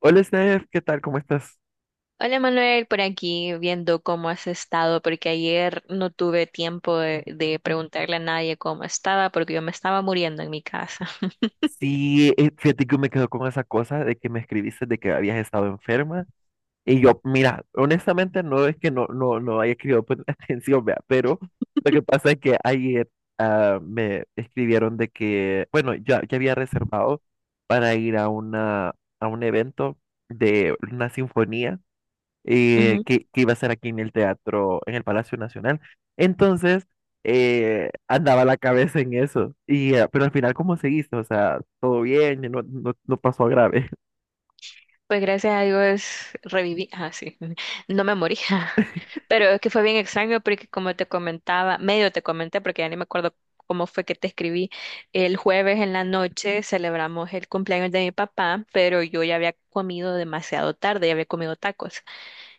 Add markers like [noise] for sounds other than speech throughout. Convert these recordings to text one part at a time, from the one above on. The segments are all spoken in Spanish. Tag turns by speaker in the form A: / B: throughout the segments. A: Hola, Steph, ¿qué tal? ¿Cómo estás?
B: Hola Manuel, por aquí viendo cómo has estado, porque ayer no tuve tiempo de preguntarle a nadie cómo estaba, porque yo me estaba muriendo en mi casa.
A: Sí, fíjate que me quedo con esa cosa de que me escribiste de que habías estado enferma. Y yo, mira, honestamente no es que no haya querido poner [laughs] atención, vea, pero lo que pasa es que ayer me escribieron de que, bueno, ya había reservado para ir a una, a un evento de una sinfonía,
B: [laughs]
A: eh,
B: Ujú.
A: que, que iba a ser aquí en el teatro, en el Palacio Nacional. Entonces, andaba la cabeza en eso. Y, pero al final, ¿cómo seguiste? O sea, todo bien, no pasó a grave. [laughs]
B: Pues gracias a Dios reviví, sí, [laughs] no me morí, [laughs] pero es que fue bien extraño porque como te comentaba, medio te comenté, porque ya ni me acuerdo cómo fue que te escribí. El jueves en la noche celebramos el cumpleaños de mi papá, pero yo ya había comido demasiado tarde, ya había comido tacos.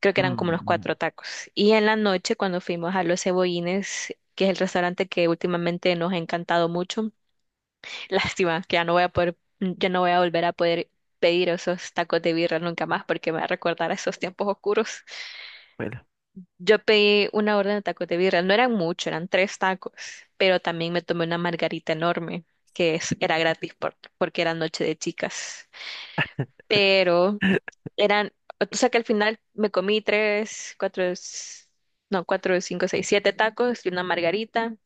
B: Creo que eran como unos
A: Mm,
B: cuatro tacos. Y en la noche, cuando fuimos a Los Cebollines, que es el restaurante que últimamente nos ha encantado mucho, [laughs] lástima que ya no voy a poder, ya no voy a volver a poder pedir esos tacos de birra nunca más porque me va a recordar a esos tiempos oscuros.
A: bueno,
B: Yo pedí una orden de tacos de birra, no eran mucho, eran tres tacos, pero también me tomé una margarita enorme, era gratis porque era noche de chicas. Pero eran, o sea que al final me comí tres, cuatro, no, cuatro, cinco, seis, siete tacos y una margarita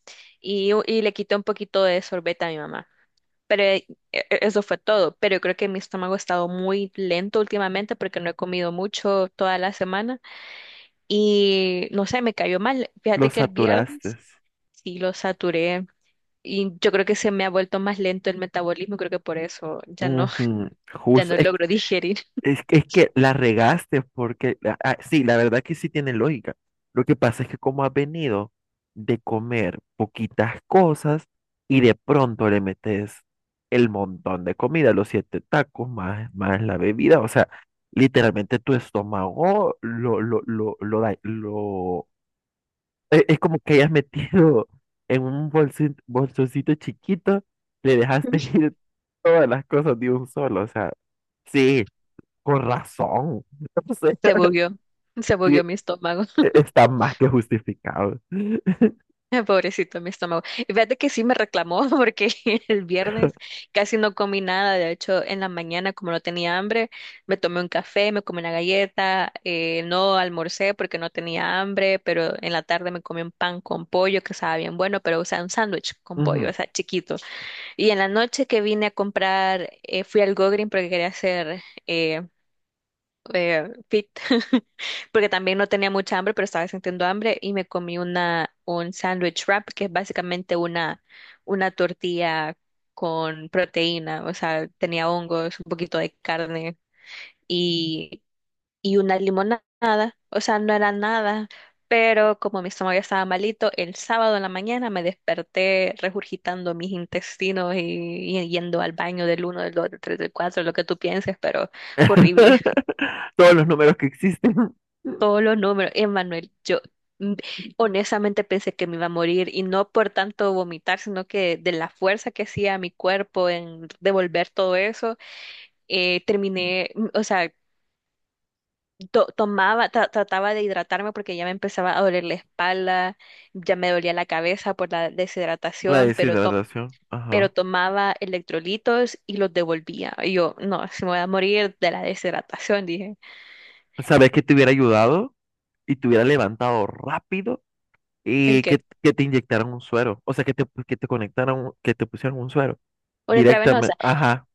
B: y, y le quité un poquito de sorbete a mi mamá. Pero eso fue todo. Pero yo creo que mi estómago ha estado muy lento últimamente porque no he comido mucho toda la semana y no sé, me cayó mal.
A: lo
B: Fíjate que el
A: saturaste.
B: viernes sí lo saturé. Y yo creo que se me ha vuelto más lento el metabolismo, creo que por eso ya no, [laughs]
A: Ujú.
B: ya
A: Justo.
B: no
A: Es
B: logro digerir.
A: Es, es que la regaste porque, sí, la verdad que sí tiene lógica. Lo que pasa es que como has venido de comer poquitas cosas y de pronto le metes el montón de comida, los siete tacos más, más la bebida, o sea, literalmente tu estómago lo, da- lo- e- es como que hayas metido en un bolsito, bolsoncito chiquito, le dejaste [laughs] ir todas las cosas de un solo, o sea, sí, con razón. [laughs] No sé,
B: Se bugueó, se
A: sí,
B: bugueó mi estómago.
A: está más que justificado.
B: [laughs] Pobrecito mi estómago. Y fíjate que sí me reclamó [laughs] porque el viernes casi no comí nada. De hecho, en la mañana, como no tenía hambre, me tomé un café, me comí una galleta, no almorcé porque no tenía hambre, pero en la tarde me comí un pan con pollo que estaba bien bueno, pero o sea, un sándwich con pollo,
A: Ujú.
B: o sea, chiquito. Y en la noche que vine a comprar, fui al Go Green porque quería hacer eh, fit, [laughs] porque también no tenía mucha hambre, pero estaba sintiendo hambre y me comí un sandwich wrap, que es básicamente una, tortilla con proteína, o sea, tenía hongos, un poquito de carne y, una limonada, o sea, no era nada, pero como mi estómago ya estaba malito, el sábado en la mañana me desperté regurgitando mis intestinos y, yendo al baño del uno, del 2, del 3, del 4, lo que tú pienses, pero fue horrible.
A: [laughs] Todos los números que existen.
B: Todos los números. Emanuel, yo mm, honestamente pensé que me iba a morir y no por tanto vomitar, sino que de la fuerza que hacía mi cuerpo en devolver todo eso, terminé, o sea, tomaba, trataba de hidratarme porque ya me empezaba a doler la espalda, ya me dolía la cabeza por la
A: La
B: deshidratación,
A: deshidratación.
B: pero
A: Ajá.
B: tomaba electrolitos y los devolvía. Y yo, no, si me voy a morir de la deshidratación, dije.
A: Sabes que te hubiera ayudado y te hubiera levantado rápido
B: ¿El
A: y
B: qué?
A: que te inyectaran un suero. O sea, que te conectaran, que te pusieran un suero
B: Una intravenosa.
A: directamente. Ajá.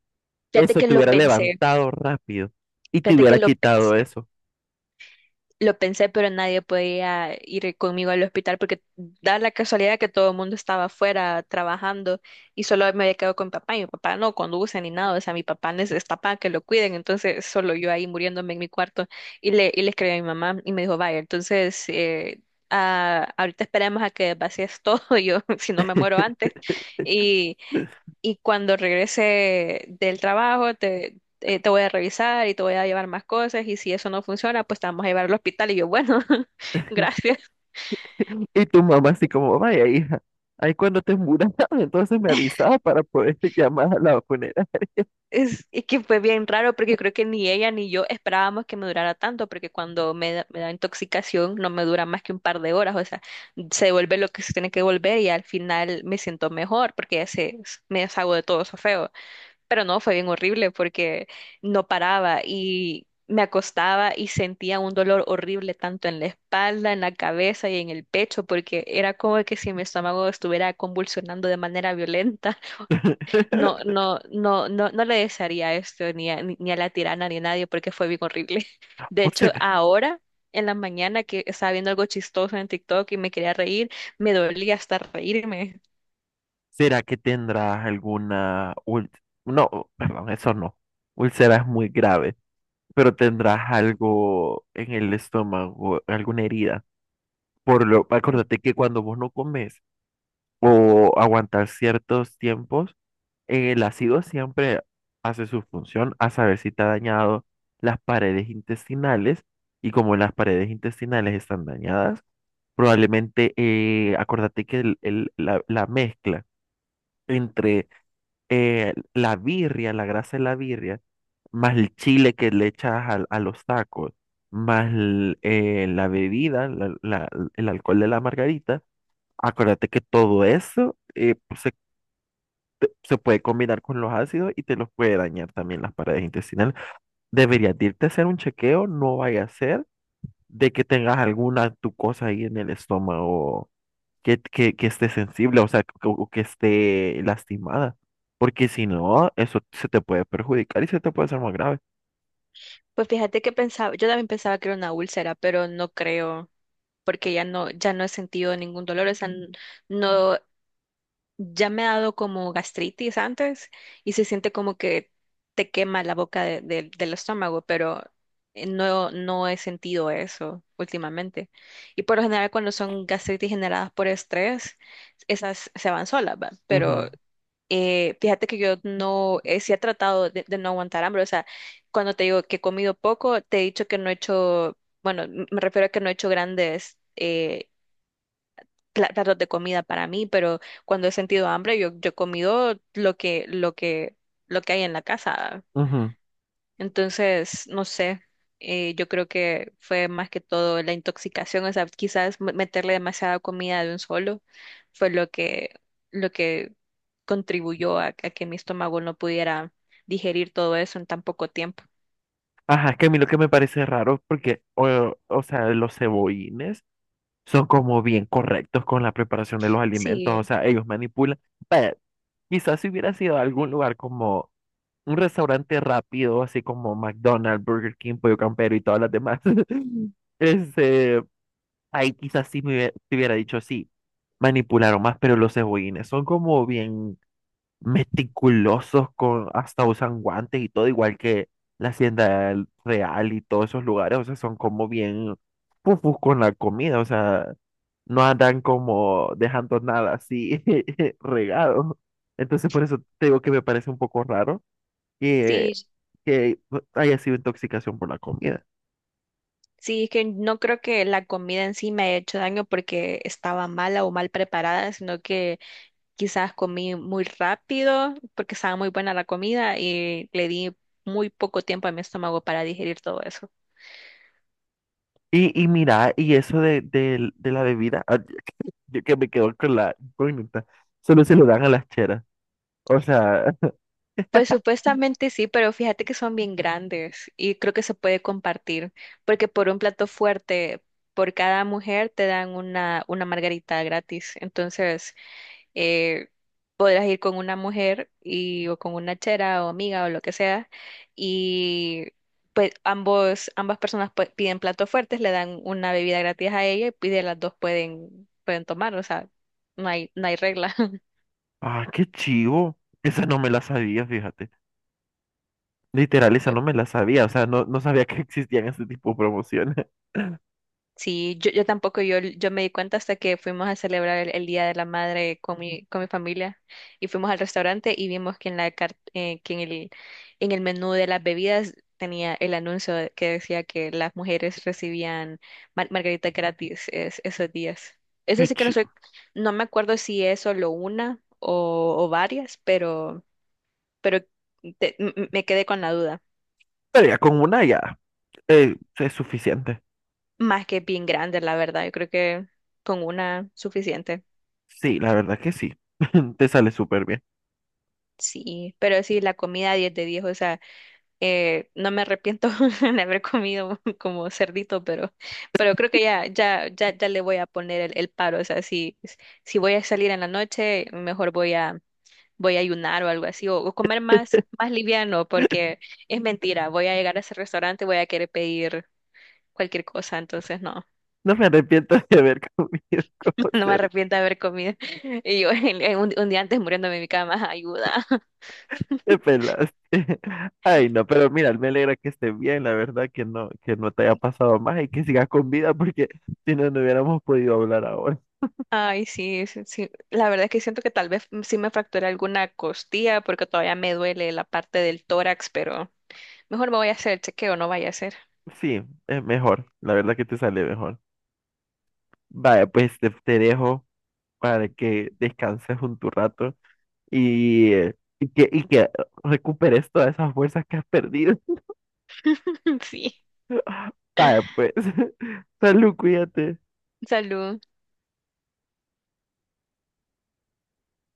B: Fíjate
A: Eso
B: que
A: te
B: lo
A: hubiera
B: pensé.
A: levantado rápido y te
B: Fíjate que
A: hubiera quitado eso.
B: lo pensé, pero nadie podía ir conmigo al hospital porque da la casualidad que todo el mundo estaba afuera trabajando y solo me había quedado con mi papá y mi papá no conduce ni nada, o sea, mi papá necesita para que lo cuiden, entonces solo yo ahí muriéndome en mi cuarto y le escribí a mi mamá y me dijo, vaya, entonces ahorita esperemos a que vacíes todo, [laughs] yo si no me muero antes y... Y cuando regrese del trabajo, te voy a revisar y te voy a llevar más cosas y si eso no funciona, pues te vamos a llevar al hospital. Y yo, bueno, [laughs] gracias.
A: Y tu mamá así como, vaya hija, ahí cuando te muras, [laughs] entonces me avisaba para poder [laughs] llamar a la funeraria.
B: Es que fue bien raro porque creo que ni ella ni yo esperábamos que me durara tanto porque cuando me da intoxicación no me dura más que un par de horas, o sea, se devuelve lo que se tiene que devolver y al final me siento mejor porque me deshago de todo eso feo. Pero no, fue bien horrible porque no paraba y me acostaba y sentía un dolor horrible tanto en la espalda, en la cabeza y en el pecho, porque era como que si mi estómago estuviera convulsionando de manera violenta. [laughs] No,
A: [laughs]
B: no, no, no, no le desearía esto ni a, ni a la tirana ni a nadie porque fue bien horrible. [laughs] De
A: O
B: hecho,
A: sea,
B: ahora en la mañana que estaba viendo algo chistoso en TikTok y me quería reír, me dolía hasta reírme.
A: ¿será que tendrás alguna no, perdón, eso no. Úlcera es muy grave, pero tendrás algo en el estómago, alguna herida. Por lo, acuérdate que cuando vos no comes o aguantas ciertos tiempos, el ácido siempre hace su función a saber si te ha dañado las paredes intestinales, y como las paredes intestinales están dañadas, probablemente, acordate que la mezcla entre, la birria, la grasa de la birria, más el chile que le echas a los tacos, más el, la bebida, el alcohol de la margarita, acuérdate que todo eso se puede combinar con los ácidos y te los puede dañar también las paredes intestinales. Deberías de irte a hacer un chequeo, no vaya a ser de que tengas alguna tu cosa ahí en el estómago que esté sensible, o sea, que, o que esté lastimada, porque si no, eso se te puede perjudicar y se te puede hacer más grave.
B: Pues fíjate que pensaba, yo también pensaba que era una úlcera, pero no creo. Porque ya no, ya no he sentido ningún dolor, o sea, no, ya me ha dado como gastritis antes y se siente como que te quema la boca del estómago, pero no, no he sentido eso últimamente. Y por lo general cuando son gastritis generadas por estrés, esas se van solas, ¿va? Pero
A: Ujú,
B: fíjate que yo no, sí he tratado de, no aguantar hambre, o sea, cuando te digo que he comido poco, te he dicho que no he hecho... Bueno, me refiero a que no he hecho grandes platos de comida para mí, pero cuando he sentido hambre, yo he comido lo que, lo que hay en la casa.
A: ujú.
B: Entonces, no sé, yo creo que fue más que todo la intoxicación, o sea, quizás meterle demasiada comida de un solo fue lo que, lo que contribuyó a que mi estómago no pudiera digerir todo eso en tan poco tiempo.
A: Ajá, es que a mí lo que me parece raro, porque, o sea, los cebollines son como bien correctos con la preparación de los alimentos,
B: Sí,
A: o sea, ellos manipulan. Vaya, quizás si hubiera sido a algún lugar como un restaurante rápido, así como McDonald's, Burger King, Pollo Campero y todas las demás, [laughs] este, ahí quizás sí me te hubiera dicho, sí, manipularon más, pero los cebollines son como bien meticulosos, con, hasta usan guantes y todo, igual que la Hacienda Real y todos esos lugares, o sea, son como bien pufus con la comida, o sea, no andan como dejando nada así [laughs] regado. Entonces, por eso te digo que me parece un poco raro que,
B: sí,
A: que haya sido intoxicación por la comida.
B: sí, es que no creo que la comida en sí me haya hecho daño porque estaba mala o mal preparada, sino que quizás comí muy rápido porque estaba muy buena la comida y le di muy poco tiempo a mi estómago para digerir todo eso.
A: Y mira, y eso de, de la bebida, ah, yo que me quedo con la incógnita, solo se lo dan a las cheras. O sea,
B: Pues supuestamente sí, pero fíjate que son bien grandes y creo que se puede compartir, porque por un plato fuerte, por cada mujer te dan una margarita gratis. Entonces, eh, podrás ir con una mujer y, o con una chera o amiga o lo que sea y pues ambos, ambas personas pues, piden platos fuertes, le dan una bebida gratis a ella y de las dos pueden, tomar, o sea, no hay, regla. [laughs]
A: ah, qué chivo. Esa no me la sabía, fíjate. Literal, esa no me la sabía. O sea, no, no sabía que existían ese tipo de promociones.
B: Sí, yo tampoco, yo me di cuenta hasta que fuimos a celebrar el Día de la Madre con mi, familia y fuimos al restaurante y vimos que que en en el menú de las bebidas tenía el anuncio que decía que las mujeres recibían margarita gratis esos días.
A: [laughs]
B: Eso
A: Qué
B: sí que no soy,
A: chivo.
B: no me acuerdo si es solo una o varias, pero, pero me quedé con la duda.
A: Pero ya con una ya, es suficiente.
B: Más que bien grande, la verdad. Yo creo que con una suficiente.
A: Sí, la verdad que sí. [laughs] Te sale súper bien.
B: Sí, pero sí, la comida 10 de 10, o sea, no me arrepiento [laughs] de haber comido [laughs] como cerdito, pero, creo que ya, le voy a poner el paro, o sea, si voy a salir en la noche, mejor voy a ayunar o algo así, o comer más, más liviano, porque es mentira, voy a llegar a ese restaurante, voy a querer pedir cualquier cosa, entonces no,
A: No me arrepiento de haber comido [laughs]
B: [laughs]
A: como
B: no me
A: ser.
B: arrepiento de haber comido, y yo [laughs] un día antes muriéndome en mi cama, [laughs] ayuda.
A: Te pelaste. [laughs] Ay, no, pero mira, me alegra que estés bien. La verdad que no te haya pasado más y que sigas con vida porque [laughs] si no, no hubiéramos podido hablar ahora.
B: Ay, sí, sí, sí. La verdad es que siento que tal vez sí me fracturé alguna costilla porque todavía me duele la parte del tórax, pero mejor me voy a hacer el chequeo, no vaya a ser.
A: Sí, es mejor. La verdad que te sale mejor. Vaya, pues te dejo para que descanses un tu rato y que recuperes todas esas fuerzas que has perdido.
B: [laughs] Sí.
A: Vaya, pues. [laughs] Salud, cuídate.
B: Salud.